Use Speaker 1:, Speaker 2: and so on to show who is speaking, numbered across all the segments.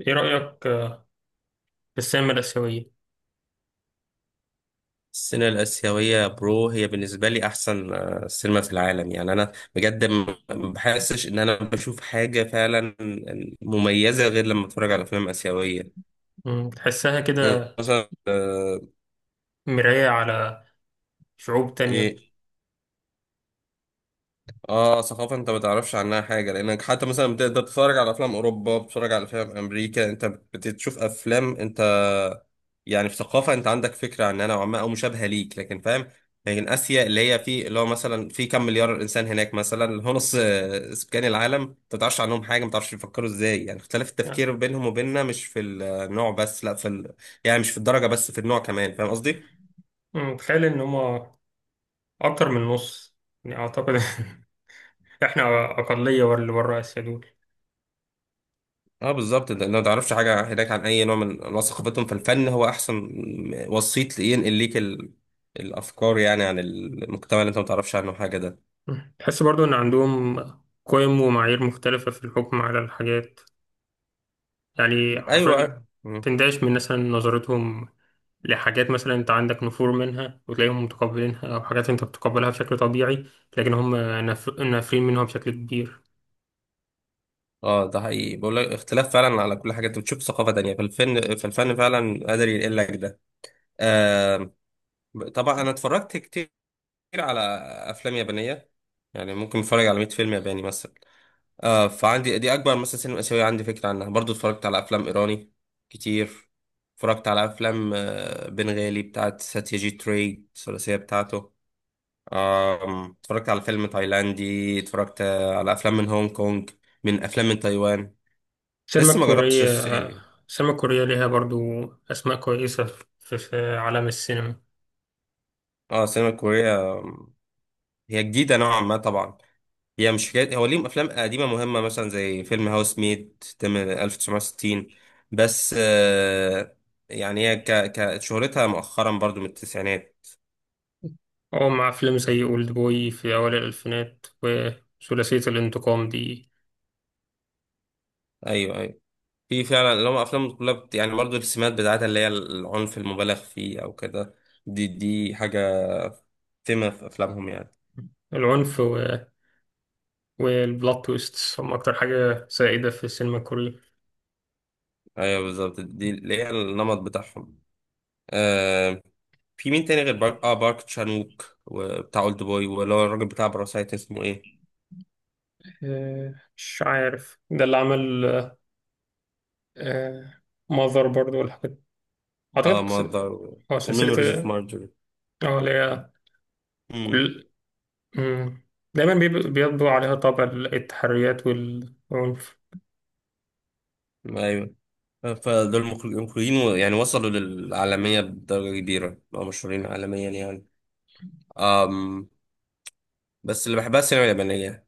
Speaker 1: ايه رأيك في السينما الآسيوية؟
Speaker 2: السينما الآسيوية برو هي بالنسبة لي أحسن سينما في العالم. يعني أنا بجد ما بحسش إن أنا بشوف حاجة فعلا مميزة غير لما أتفرج على أفلام آسيوية.
Speaker 1: تحسها كده،
Speaker 2: يعني مثلا
Speaker 1: مراية على شعوب تانية.
Speaker 2: إيه، اه ثقافة انت ما تعرفش عنها حاجة، لانك حتى مثلا بتقدر تتفرج على افلام اوروبا، بتتفرج على افلام امريكا، انت بتشوف افلام انت يعني في ثقافة انت عندك فكرة عنها نوعا ما او مشابهة ليك، لكن فاهم. لكن اسيا اللي هي في اللي هو مثلا في كم مليار انسان هناك، مثلا اللي هو نص سكان العالم، انت ما تعرفش عنهم حاجة، ما تعرفش بيفكروا ازاي. يعني اختلاف
Speaker 1: يعني،
Speaker 2: التفكير بينهم وبيننا مش في النوع بس، لا في ال... يعني مش في الدرجة بس في النوع كمان، فاهم قصدي؟
Speaker 1: تخيل إن هما أكتر من نص، يعني أعتقد إحنا أقلية ورا اللي برا آسيا دول.
Speaker 2: اه بالظبط. انت ما تعرفش حاجه هناك عن اي نوع من انواع ثقافتهم، فالفن هو احسن وسيط ينقل ليك ال... الافكار يعني عن المجتمع اللي انت ما تعرفش عنه حاجه ده.
Speaker 1: تحس برضو إن عندهم قيم ومعايير مختلفة في الحكم على الحاجات، يعني
Speaker 2: ايوه
Speaker 1: حرفيا
Speaker 2: أيوة. مم.
Speaker 1: تندهش من مثلا نظرتهم لحاجات مثلا انت عندك نفور منها وتلاقيهم متقبلينها، او حاجات انت بتقبلها بشكل طبيعي لكن هم نافرين منها بشكل كبير.
Speaker 2: اه ده حقيقي، بقول لك اختلاف فعلا على كل حاجه. انت بتشوف ثقافه تانية، فالفن فعلا قادر ينقل لك ده. آه طبعا انا اتفرجت كتير على افلام يابانيه، يعني ممكن اتفرج على 100 فيلم ياباني مثلا. آه، فعندي دي اكبر مثلا سينما اسيويه عندي فكره عنها. برضو اتفرجت على افلام ايراني كتير، اتفرجت على افلام بنغالي بتاعت ساتياجيت راي، الثلاثيه بتاعته. اتفرجت على فيلم تايلاندي، اتفرجت على افلام من هونج كونج، من افلام من تايوان.
Speaker 1: السينما
Speaker 2: لسه ما جربتش
Speaker 1: الكورية
Speaker 2: الصين يعني.
Speaker 1: السينما الكورية ليها برضو أسماء كويسة في عالم السينما،
Speaker 2: اه السينما الكوريه هي جديده نوعا ما طبعا. هي مش حكاية، هو ليهم أفلام قديمة مهمة مثلا زي فيلم هاوس ميد تم 1960، بس آه يعني هي ك ك شهرتها مؤخرا برضو من التسعينات.
Speaker 1: أو مع أفلام زي أولد بوي في أوائل الألفينات وثلاثية الانتقام دي.
Speaker 2: أيوه أيوه، في فعلا اللي هم أفلام كلها بت... يعني برضو السمات بتاعتها اللي هي العنف المبالغ فيه أو كده، دي حاجة تم في أفلامهم يعني.
Speaker 1: العنف والبلوت تويست هم أكتر حاجة سائدة في السينما الكورية.
Speaker 2: أيوه بالظبط، دي اللي هي النمط بتاعهم. آه، في مين تاني غير بارك بارك تشانوك وبتاع أولد بوي، ولا الراجل بتاع باراسايت اسمه إيه؟
Speaker 1: مش عارف ده اللي عمل ماذر برضو والحاجات، أعتقد
Speaker 2: اه ماذر
Speaker 1: هو
Speaker 2: وميموريز اوف
Speaker 1: سلسلة.
Speaker 2: مارجوري.
Speaker 1: اه اللي هي
Speaker 2: امم،
Speaker 1: كل. مم. دايما بيطبع عليها طابع التحريات والعنف.
Speaker 2: ايوه. فدول مخرجين، يعني وصلوا للعالمية بدرجة كبيرة، بقوا مشهورين عالميا يعني. أم، بس اللي بحبها السينما اليابانية.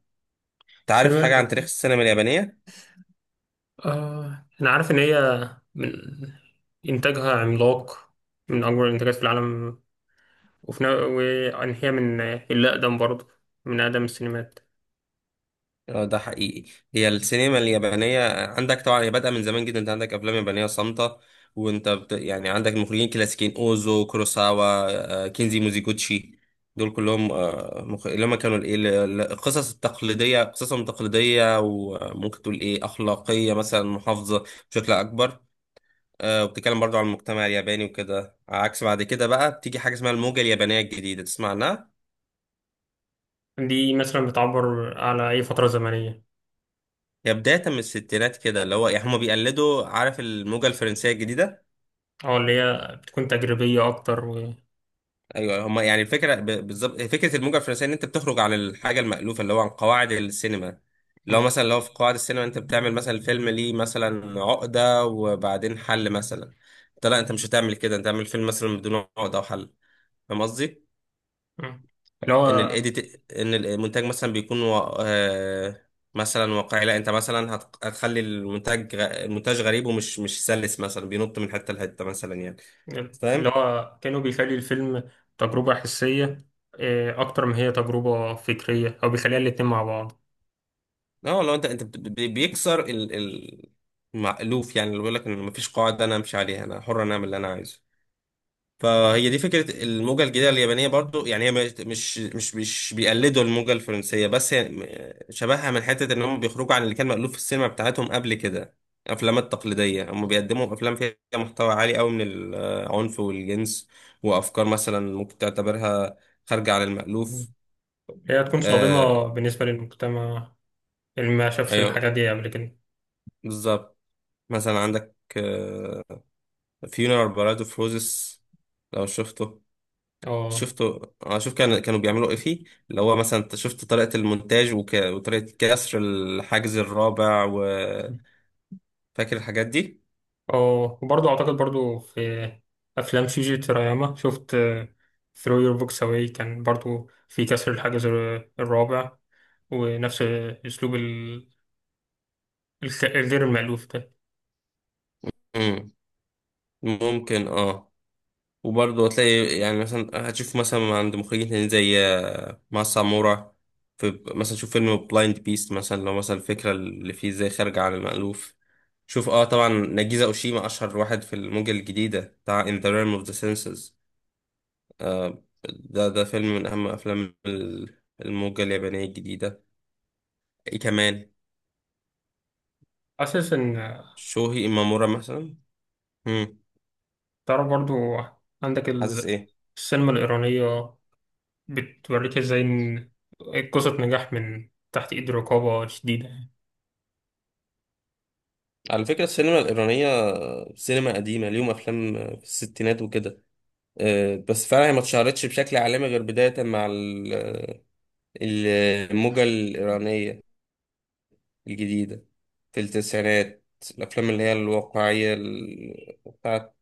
Speaker 2: انت عارف حاجة عن تاريخ
Speaker 1: سينما
Speaker 2: السينما اليابانية؟
Speaker 1: آه أنا عارف إن هي من إنتاجها عملاق، من أكبر الإنتاجات في العالم، وفي نا- وإن هي من الأقدم برضه، من أقدم السينمات.
Speaker 2: اه ده حقيقي. هي السينما اليابانية عندك طبعا هي بادئة من زمان جدا، انت عندك افلام يابانية صامتة، وانت بت... يعني عندك مخرجين كلاسيكيين اوزو، كوروساوا، كينزي موزيجوتشي. دول كلهم مخ... اللي هم كانوا الايه القصص التقليدية، قصصهم تقليدية وممكن تقول ايه اخلاقية مثلا، محافظة بشكل اكبر. وبتتكلم برضو عن المجتمع الياباني وكده. عكس بعد كده بقى بتيجي حاجة اسمها الموجة اليابانية الجديدة، تسمع عنها؟
Speaker 1: دي مثلا بتعبر على أي فترة زمنية؟
Speaker 2: هي بداية من الستينات كده، اللي هو يعني هما بيقلدوا، عارف الموجة الفرنسية الجديدة.
Speaker 1: أو اللي هي بتكون تجريبية أكتر و...
Speaker 2: ايوه هما يعني الفكرة بالظبط فكرة الموجة الفرنسية، ان انت بتخرج عن الحاجة المألوفة اللي هو عن قواعد السينما. لو
Speaker 1: م-
Speaker 2: مثلا لو في قواعد السينما انت بتعمل مثلا الفيلم ليه مثلا عقدة وبعدين حل مثلا، انت لا انت مش هتعمل كده، انت تعمل فيلم مثلا بدون عقدة وحل، فاهم قصدي؟
Speaker 1: م. اللي
Speaker 2: ان
Speaker 1: هو
Speaker 2: الايديت، ان المونتاج مثلا بيكون مثلا واقعي، لا انت مثلا هت... هتخلي المونتاج غ... المونتاج غريب ومش مش سلس، مثلا بينط من حته لحته مثلا يعني،
Speaker 1: اللي
Speaker 2: فاهم.
Speaker 1: هو كانوا بيخلي الفيلم تجربة حسية، أكتر ما هي تجربة فكرية أو بيخليها الاتنين مع بعض
Speaker 2: اه لو انت بيكسر المألوف يعني، اللي بيقول لك ان مفيش قاعده انا امشي عليها، انا حر انا اعمل اللي انا عايزه. فهي دي فكرة الموجة الجديدة اليابانية برضو. يعني هي مش بيقلدوا الموجة الفرنسية بس، هي شبهها من حتة ان هم بيخرجوا عن اللي كان مألوف في السينما بتاعتهم قبل كده. الافلام التقليدية، هم بيقدموا افلام فيها محتوى عالي قوي من العنف والجنس، وافكار مثلا ممكن تعتبرها خارجة عن
Speaker 1: م.
Speaker 2: المألوف.
Speaker 1: هي تكون
Speaker 2: آه،
Speaker 1: صادمة بالنسبة للمجتمع اللي ما شافش
Speaker 2: ايوه
Speaker 1: الحاجات دي قبل كده.
Speaker 2: بالظبط. مثلا عندك آه فيونر بارادو فروزس، لو شفته؟
Speaker 1: اه،
Speaker 2: شفتوا؟ اه شوف كان كانوا بيعملوا ايه فيه، اللي هو مثلا انت شفت طريقة المونتاج وطريقة كسر الحاجز الرابع، وفاكر الحاجات دي.
Speaker 1: اه وبرضه اعتقد برضه في افلام شيجي تراياما، شفت ثرو يور بوكس اواي كان برضه في كسر الحاجز الرابع ونفس اسلوب الغير المألوف ده.
Speaker 2: امم ممكن اه. وبرضه هتلاقي يعني مثلا هتشوف مثلا عند مخرجين تانيين زي ماسا مورا. في مثلا شوف فيلم بلايند بيست مثلا، لو مثلا الفكرة اللي فيه ازاي خارجة عن المألوف. شوف اه طبعا ناجيزا اوشيما اشهر واحد في الموجة الجديدة، بتاع In the Realm of the Senses. ده ده فيلم من أهم أفلام الموجة اليابانية الجديدة. إيه كمان؟
Speaker 1: حاسس ان
Speaker 2: شوهي إمامورا مثلا. مم.
Speaker 1: ترى برضه عندك
Speaker 2: حاسس إيه؟
Speaker 1: السينما الايرانيه بتوريك ازاي إن قصه نجاح من تحت ايد رقابه شديده.
Speaker 2: على فكرة السينما الإيرانية سينما قديمة، ليهم أفلام في الستينات وكده. بس فعلا هي ما اتشهرتش بشكل عالمي غير بداية مع ال- الموجة الإيرانية الجديدة في التسعينات. الأفلام اللي هي الواقعية بتاعت،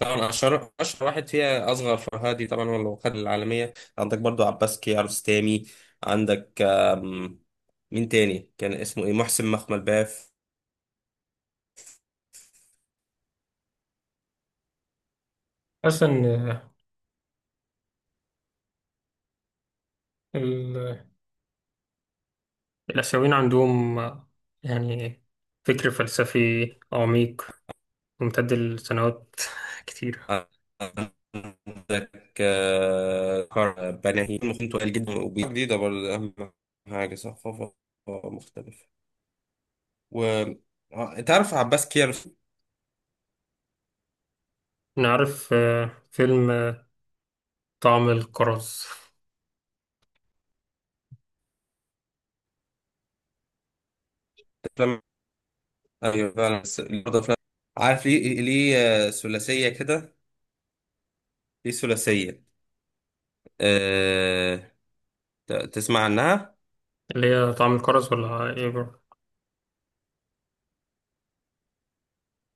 Speaker 2: طبعا اشهر واحد فيها اصغر فرهادي طبعا، هو اللي خد العالميه. عندك برضو عباس كيارستامي، عندك مين تاني كان اسمه ايه، محسن مخمل باف.
Speaker 1: حاسس ان الآسيويين عندهم يعني فكر فلسفي عميق ممتد لسنوات كتيرة.
Speaker 2: عندك بناهي، ممكن تقال جدا وجديده برضه. اهم حاجه ثقافه مختلفه. و تعرف عباس كيارستامي؟
Speaker 1: نعرف فيلم طعم الكرز.
Speaker 2: أفلام- ايوه فعلا، بس برضه أفلام، عارف ليه؟ ثلاثيه كده، ليه ثلاثيه؟ تسمع عنها؟
Speaker 1: اللي هي طعم الكرز ولا ايه بro؟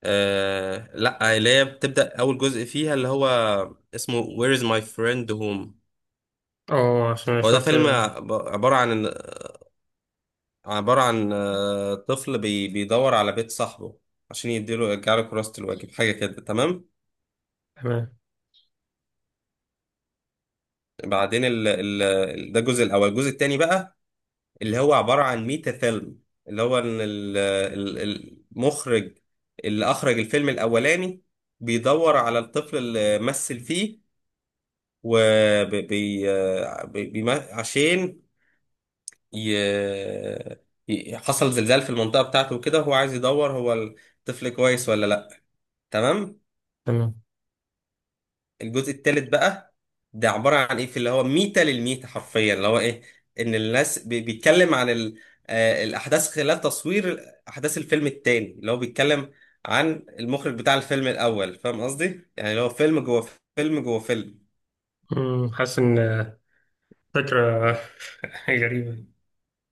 Speaker 2: آه لا، اللي هي بتبدأ أول جزء فيها اللي هو اسمه Where is my friend home.
Speaker 1: اه، عشان
Speaker 2: هو ده
Speaker 1: شفت
Speaker 2: فيلم
Speaker 1: آه،
Speaker 2: عبارة عن، عبارة عن طفل بيدور على بيت صاحبه عشان يديله، يرجع له كراسة الواجب، حاجة كده. تمام؟
Speaker 1: تمام،
Speaker 2: بعدين ده الجزء الأول. الجزء التاني بقى اللي هو عبارة عن ميتا فيلم، اللي هو إن المخرج اللي أخرج الفيلم الأولاني بيدور على الطفل اللي مثل فيه، وبي عشان ي... حصل زلزال في المنطقة بتاعته وكده، هو عايز يدور هو الطفل كويس ولا لأ. تمام.
Speaker 1: تمام.
Speaker 2: الجزء الثالث بقى، ده عبارة عن ايه، في اللي هو ميتة للميتة حرفيا، اللي هو ايه، ان الناس بيتكلم عن ال... الأحداث خلال تصوير أحداث الفيلم التاني اللي هو بيتكلم عن المخرج بتاع الفيلم الأول، فاهم قصدي؟ يعني اللي هو فيلم جوه فيلم، جوه فيلم.
Speaker 1: حاسس ان فكرة غريبة.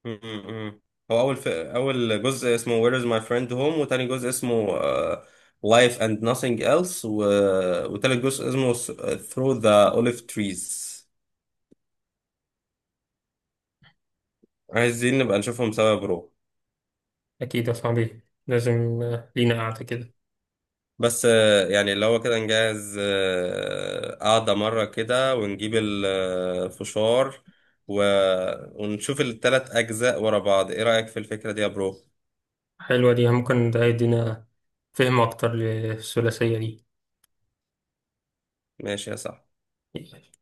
Speaker 2: م. هو اول جزء اسمه Where is my friend home، وتاني جزء اسمه Life and nothing else، وتالت جزء اسمه Through the olive trees. عايزين نبقى نشوفهم سوا يا برو.
Speaker 1: أكيد يا صاحبي، لازم لينا قعدة كده.
Speaker 2: بس يعني اللي هو كده نجهز قعدة مرة كده، ونجيب الفشار و... ونشوف التلات أجزاء ورا بعض، إيه رأيك في الفكرة دي يا برو؟
Speaker 1: حلوة دي، ممكن ده يدينا فهم أكتر للثلاثية
Speaker 2: ماشي يا صاحبي.
Speaker 1: دي.